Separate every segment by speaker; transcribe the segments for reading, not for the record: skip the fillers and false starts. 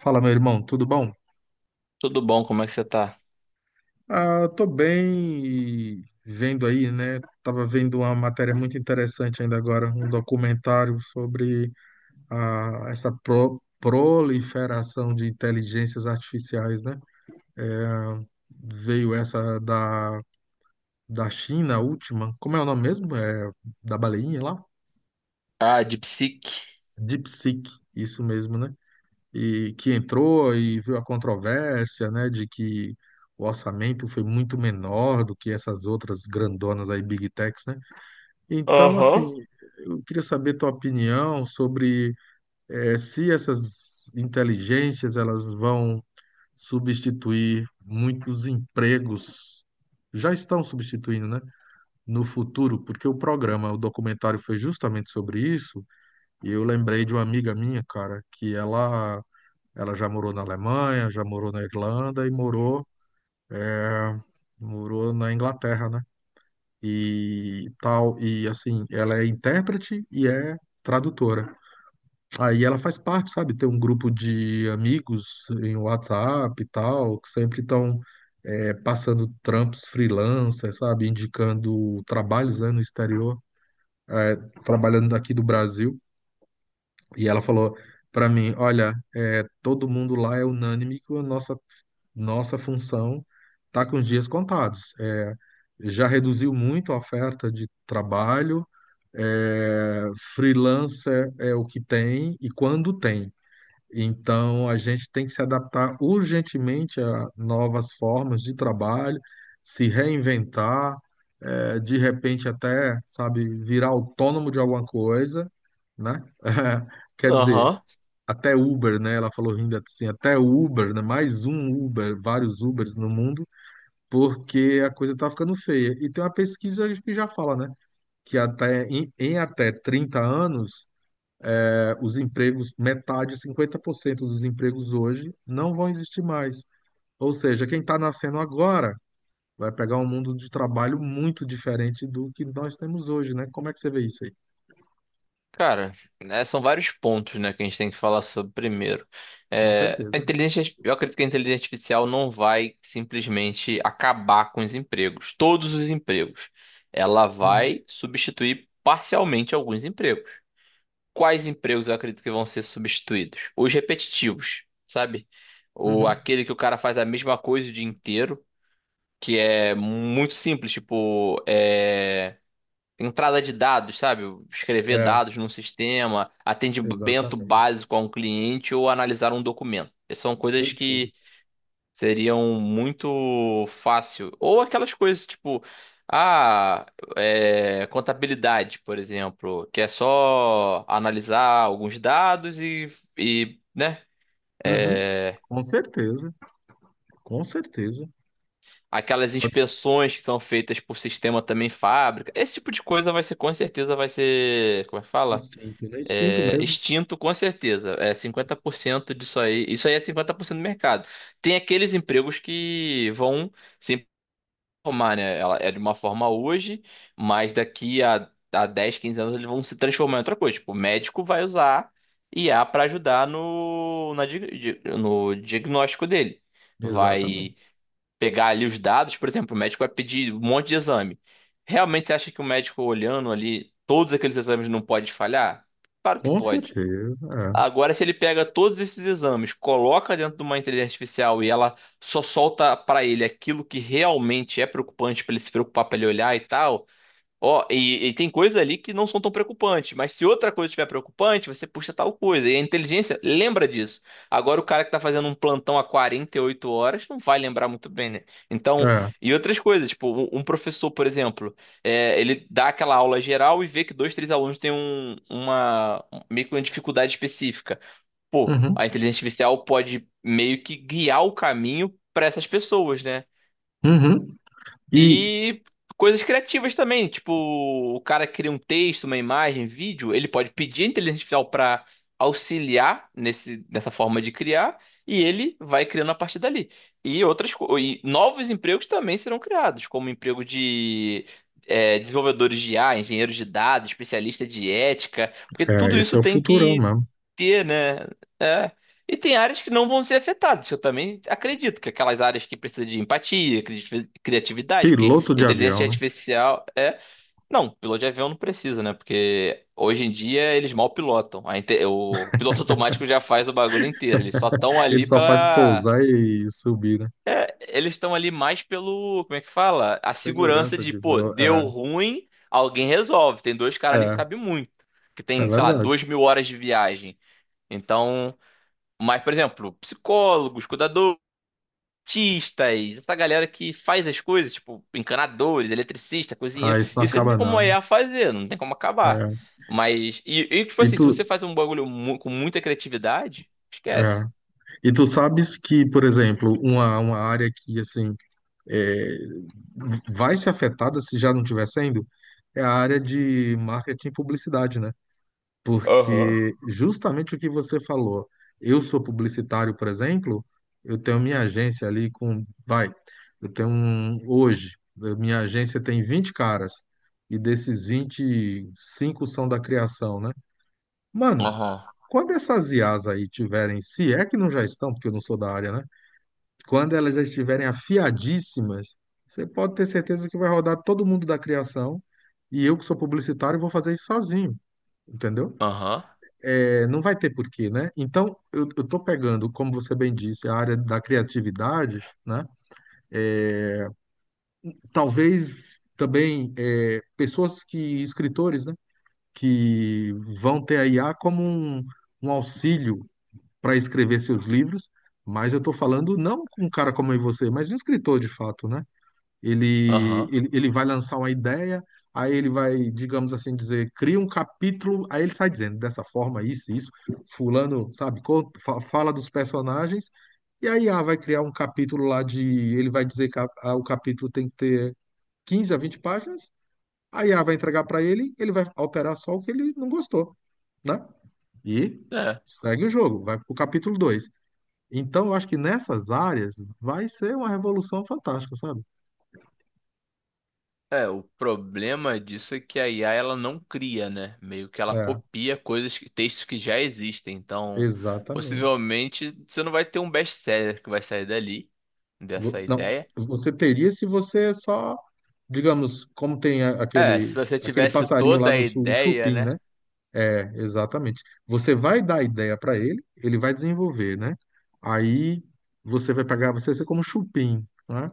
Speaker 1: Fala, meu irmão, tudo bom?
Speaker 2: Tudo bom? Como é que você tá?
Speaker 1: Tô bem e vendo aí, né? Tava vendo uma matéria muito interessante ainda agora, um documentário sobre essa proliferação de inteligências artificiais, né? Veio essa da China, a última. Como é o nome mesmo? Da baleinha lá?
Speaker 2: Ah, de psique.
Speaker 1: DeepSeek, isso mesmo, né? E que entrou e viu a controvérsia, né, de que o orçamento foi muito menor do que essas outras grandonas aí, Big Techs, né? Então, assim,
Speaker 2: Aham.
Speaker 1: eu queria saber tua opinião sobre se essas inteligências elas vão substituir muitos empregos, já estão substituindo, né? No futuro, porque o programa, o documentário foi justamente sobre isso, e eu lembrei de uma amiga minha, cara, que ela já morou na Alemanha, já morou na Irlanda e é, morou na Inglaterra, né? E tal. E assim, ela é intérprete e é tradutora. Aí ela faz parte, sabe? Tem um grupo de amigos em WhatsApp e tal, que sempre estão passando trampos freelancer, sabe? Indicando trabalhos, né, no exterior, é, trabalhando daqui do Brasil. E ela falou para mim: Olha, é, todo mundo lá é unânime que nossa função está com os dias contados. Já reduziu muito a oferta de trabalho, é, freelancer é o que tem e quando tem. Então a gente tem que se adaptar urgentemente a novas formas de trabalho, se reinventar, é, de repente até, sabe, virar autônomo de alguma coisa, né? Quer dizer,
Speaker 2: Aham.
Speaker 1: até Uber, né? Ela falou rindo assim, até Uber, né? Mais um Uber, vários Ubers no mundo, porque a coisa tá ficando feia. E tem uma pesquisa que já fala, né? Que até em, em até 30 anos, os empregos, metade, 50% dos empregos hoje não vão existir mais. Ou seja, quem está nascendo agora vai pegar um mundo de trabalho muito diferente do que nós temos hoje, né? Como é que você vê isso aí?
Speaker 2: Cara, né, são vários pontos, né, que a gente tem que falar sobre primeiro.
Speaker 1: Com
Speaker 2: É, a
Speaker 1: certeza.
Speaker 2: inteligência, eu acredito que a inteligência artificial não vai simplesmente acabar com os empregos, todos os empregos. Ela
Speaker 1: Uhum,
Speaker 2: vai substituir parcialmente alguns empregos. Quais empregos eu acredito que vão ser substituídos? Os repetitivos, sabe? O,
Speaker 1: uhum.
Speaker 2: aquele que o cara faz a mesma coisa o dia inteiro. Que é muito simples, tipo, é, entrada de dados, sabe? Escrever
Speaker 1: É,
Speaker 2: dados num sistema, atendimento
Speaker 1: exatamente.
Speaker 2: básico a um cliente ou analisar um documento. Essas são coisas que
Speaker 1: Perfeito.
Speaker 2: seriam muito fácil. Ou aquelas coisas tipo, ah, é, contabilidade, por exemplo, que é só analisar alguns dados e né?
Speaker 1: Uhum.
Speaker 2: É,
Speaker 1: Com certeza, com certeza.
Speaker 2: aquelas
Speaker 1: Pode
Speaker 2: inspeções que são feitas por sistema também fábrica. Esse tipo de coisa vai ser, com certeza, vai ser, como é que
Speaker 1: ser
Speaker 2: fala?
Speaker 1: instinto, né? Instinto
Speaker 2: É,
Speaker 1: mesmo.
Speaker 2: extinto, com certeza. É 50% disso aí. Isso aí é 50% do mercado. Tem aqueles empregos que vão se formar, né? Ela é de uma forma hoje, mas daqui a 10 15 anos eles vão se transformar em outra coisa. Tipo, o médico vai usar IA para ajudar no, na, no diagnóstico dele. Vai
Speaker 1: Exatamente.
Speaker 2: pegar ali os dados, por exemplo, o médico vai pedir um monte de exame. Realmente você acha que o médico olhando ali todos aqueles exames não pode falhar? Claro que
Speaker 1: Com
Speaker 2: pode.
Speaker 1: certeza,
Speaker 2: Agora, se ele pega todos esses exames, coloca dentro de uma inteligência artificial e ela só solta para ele aquilo que realmente é preocupante para ele se preocupar, para ele olhar e tal, ó, e tem coisas ali que não são tão preocupantes, mas se outra coisa estiver preocupante, você puxa tal coisa. E a inteligência lembra disso. Agora, o cara que tá fazendo um plantão há 48 horas não vai lembrar muito bem, né?
Speaker 1: é.
Speaker 2: Então,
Speaker 1: É.
Speaker 2: e outras coisas, tipo, um professor, por exemplo, é, ele dá aquela aula geral e vê que dois, três alunos têm um, uma, meio que uma dificuldade específica. Pô,
Speaker 1: Uhum.
Speaker 2: a inteligência artificial pode meio que guiar o caminho para essas pessoas, né?
Speaker 1: Uhum. E
Speaker 2: E coisas criativas também, tipo, o cara cria um texto, uma imagem, vídeo, ele pode pedir a inteligência artificial para auxiliar nesse, nessa forma de criar, e ele vai criando a partir dali. E e novos empregos também serão criados, como emprego de é, desenvolvedores de IA, engenheiros de dados, especialista de ética, porque
Speaker 1: é,
Speaker 2: tudo
Speaker 1: esse
Speaker 2: isso
Speaker 1: é o
Speaker 2: tem
Speaker 1: futurão
Speaker 2: que
Speaker 1: mesmo.
Speaker 2: ter, né? É. E tem áreas que não vão ser afetadas. Eu também acredito que aquelas áreas que precisam de empatia, criatividade, porque
Speaker 1: Piloto de
Speaker 2: inteligência
Speaker 1: avião, né?
Speaker 2: artificial é. Não, piloto de avião não precisa, né? Porque hoje em dia eles mal pilotam. O piloto automático já faz o bagulho inteiro. Eles só estão
Speaker 1: Ele
Speaker 2: ali
Speaker 1: só faz
Speaker 2: pela.
Speaker 1: pousar e subir, né?
Speaker 2: Eles estão ali mais pelo. Como é que fala? A segurança
Speaker 1: Segurança
Speaker 2: de,
Speaker 1: de
Speaker 2: pô,
Speaker 1: voo.
Speaker 2: deu
Speaker 1: É,
Speaker 2: ruim, alguém resolve. Tem dois caras ali que
Speaker 1: é,
Speaker 2: sabem muito. Que
Speaker 1: é
Speaker 2: tem, sei lá,
Speaker 1: verdade.
Speaker 2: 2.000 horas de viagem. Então. Mas, por exemplo, psicólogos, cuidadores, artistas, essa galera que faz as coisas, tipo encanadores, eletricista,
Speaker 1: Ah,
Speaker 2: cozinheiro,
Speaker 1: isso não
Speaker 2: isso aí não
Speaker 1: acaba
Speaker 2: tem como a
Speaker 1: não.
Speaker 2: IA fazer, não tem como acabar.
Speaker 1: É.
Speaker 2: Mas, e tipo
Speaker 1: E
Speaker 2: assim,
Speaker 1: tu,
Speaker 2: se você faz um bagulho com muita criatividade,
Speaker 1: é.
Speaker 2: esquece.
Speaker 1: E tu sabes que, por exemplo, uma área que, assim, é, vai ser afetada se já não estiver sendo, é a área de marketing e publicidade, né?
Speaker 2: Aham.
Speaker 1: Porque justamente o que você falou, eu sou publicitário, por exemplo, eu tenho minha agência ali com, vai, eu tenho um, hoje, eu- minha agência tem 20 caras, e desses 20, 5 são da criação, né? Mano,
Speaker 2: Aham,
Speaker 1: quando essas IAs aí tiverem, se é que não já estão, porque eu não sou da área, né? Quando elas já estiverem afiadíssimas, você pode ter certeza que vai rodar todo mundo da criação. E eu, que sou publicitário, vou fazer isso sozinho, entendeu?
Speaker 2: aham,
Speaker 1: É, não vai ter porquê, né? Então, eu tô pegando, como você bem disse, a área da criatividade, né? Talvez também é, pessoas que, escritores, né? Que vão ter a IA como um auxílio para escrever seus livros, mas eu tô falando não com um cara como eu e você, mas de um escritor de fato, né? Ele,
Speaker 2: aham.
Speaker 1: ele, ele vai lançar uma ideia, aí ele vai, digamos assim, dizer, cria um capítulo, aí ele sai dizendo dessa forma, isso, fulano, sabe, co- fa- fala dos personagens, e aí ah, vai criar um capítulo lá de, ele vai dizer que a- o capítulo tem que ter 15 a 20 páginas, aí a vai entregar para ele, ele vai alterar só o que ele não gostou, né? E
Speaker 2: É.
Speaker 1: segue o jogo, vai pro capítulo 2. Então, eu acho que nessas áreas vai ser uma revolução fantástica, sabe?
Speaker 2: É, o problema disso é que a IA ela não cria, né? Meio que ela
Speaker 1: É,
Speaker 2: copia coisas, textos que já existem. Então,
Speaker 1: exatamente.
Speaker 2: possivelmente você não vai ter um best-seller que vai sair dali, dessa
Speaker 1: Vo- Não,
Speaker 2: ideia.
Speaker 1: você teria se você é só, digamos, como tem a-
Speaker 2: É, se
Speaker 1: aquele
Speaker 2: você
Speaker 1: aquele
Speaker 2: tivesse
Speaker 1: passarinho
Speaker 2: toda
Speaker 1: lá
Speaker 2: a
Speaker 1: no sul, o
Speaker 2: ideia,
Speaker 1: chupim,
Speaker 2: né?
Speaker 1: né? É, exatamente. Você vai dar a ideia para ele, ele vai desenvolver, né? Aí você vai pegar, você vai ser como chupim, né?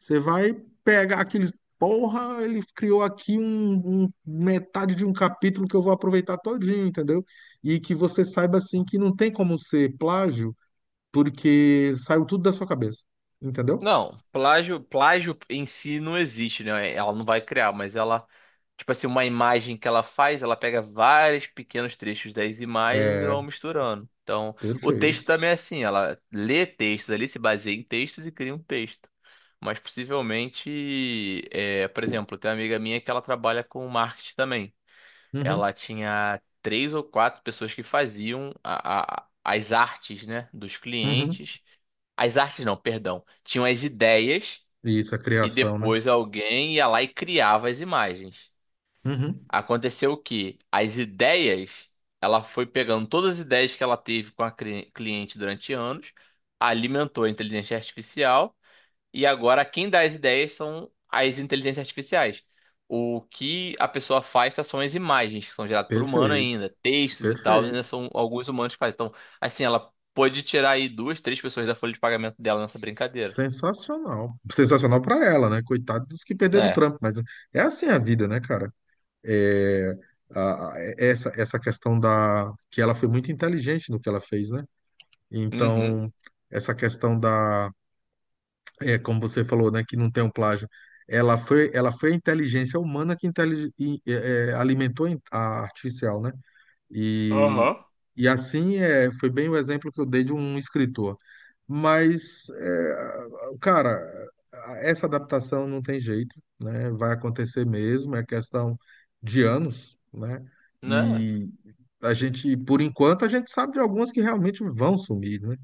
Speaker 1: Você vai pegar aqueles, porra, ele criou aqui um, um- metade de um capítulo que eu vou aproveitar todinho, entendeu? E que você saiba assim que não tem como ser plágio, porque saiu tudo da sua cabeça, entendeu?
Speaker 2: Não, plágio em si não existe, né? Ela não vai criar, mas ela, tipo assim, uma imagem que ela faz, ela pega vários pequenos trechos das imagens e
Speaker 1: É,
Speaker 2: vai misturando. Então, o texto
Speaker 1: perfeito.
Speaker 2: também é assim, ela lê textos ali, se baseia em textos e cria um texto. Mas possivelmente, é, por exemplo, tem uma amiga minha que ela trabalha com marketing também.
Speaker 1: Uhum,
Speaker 2: Ela tinha três ou quatro pessoas que faziam as artes, né, dos
Speaker 1: uhum,
Speaker 2: clientes. As artes não, perdão. Tinham as ideias
Speaker 1: Isso, a
Speaker 2: e
Speaker 1: criação, né?
Speaker 2: depois alguém ia lá e criava as imagens.
Speaker 1: Uhum.
Speaker 2: Aconteceu que as ideias, ela foi pegando todas as ideias que ela teve com a cliente durante anos, alimentou a inteligência artificial e agora quem dá as ideias são as inteligências artificiais. O que a pessoa faz só são as imagens que são geradas por humano
Speaker 1: Perfeito,
Speaker 2: ainda, textos e tal, ainda
Speaker 1: perfeito.
Speaker 2: são alguns humanos que fazem. Então, assim, ela pode tirar aí duas, três pessoas da folha de pagamento dela nessa brincadeira.
Speaker 1: Sensacional. Sensacional pra ela, né? Coitado dos que perderam o
Speaker 2: É.
Speaker 1: trampo, mas é assim a vida, né, cara? É, a- é, essa questão da... que ela foi muito inteligente no que ela fez, né?
Speaker 2: Uhum.
Speaker 1: Então, essa questão da... é, como você falou, né, que não tem um plágio. Ela foi a inteligência humana que é, alimentou a artificial, né? E,
Speaker 2: Aham.
Speaker 1: e assim é, foi bem o exemplo que eu dei de um escritor. Mas, é, cara, essa adaptação não tem jeito, né? Vai acontecer mesmo, é questão de anos, né?
Speaker 2: Né?
Speaker 1: E a gente, por enquanto, a gente sabe de algumas que realmente vão sumir, né?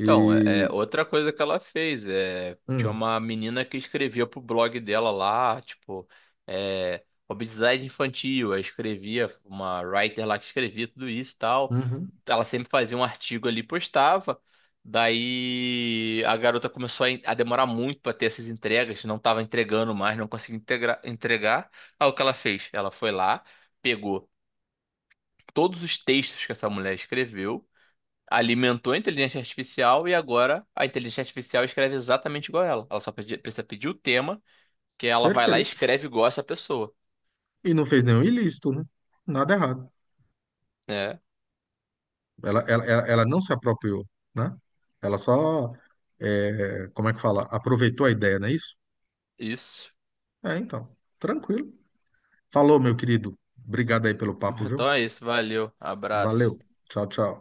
Speaker 2: Então, é, é outra coisa que ela fez é tinha
Speaker 1: hum,
Speaker 2: uma menina que escrevia pro blog dela lá, tipo, é, obesidade infantil, aí escrevia uma writer lá que escrevia tudo isso e tal.
Speaker 1: uhum,
Speaker 2: Ela sempre fazia um artigo ali, e postava. Daí a garota começou a, a demorar muito para ter essas entregas, não estava entregando mais, não conseguia entregar. Aí o que ela fez? Ela foi lá, pegou todos os textos que essa mulher escreveu, alimentou a inteligência artificial e agora a inteligência artificial escreve exatamente igual a ela. Ela só precisa pedir o tema, que ela vai lá e
Speaker 1: perfeito.
Speaker 2: escreve igual essa pessoa.
Speaker 1: E não fez nenhum ilícito, né? Nada errado.
Speaker 2: É,
Speaker 1: Ela ela não se apropriou, né? Ela só, é, como é que fala? Aproveitou a ideia, não é isso?
Speaker 2: isso.
Speaker 1: É, então, tranquilo. Falou, meu querido. Obrigado aí pelo papo, viu?
Speaker 2: Então é isso, valeu,
Speaker 1: Valeu.
Speaker 2: abraço.
Speaker 1: Tchau, tchau.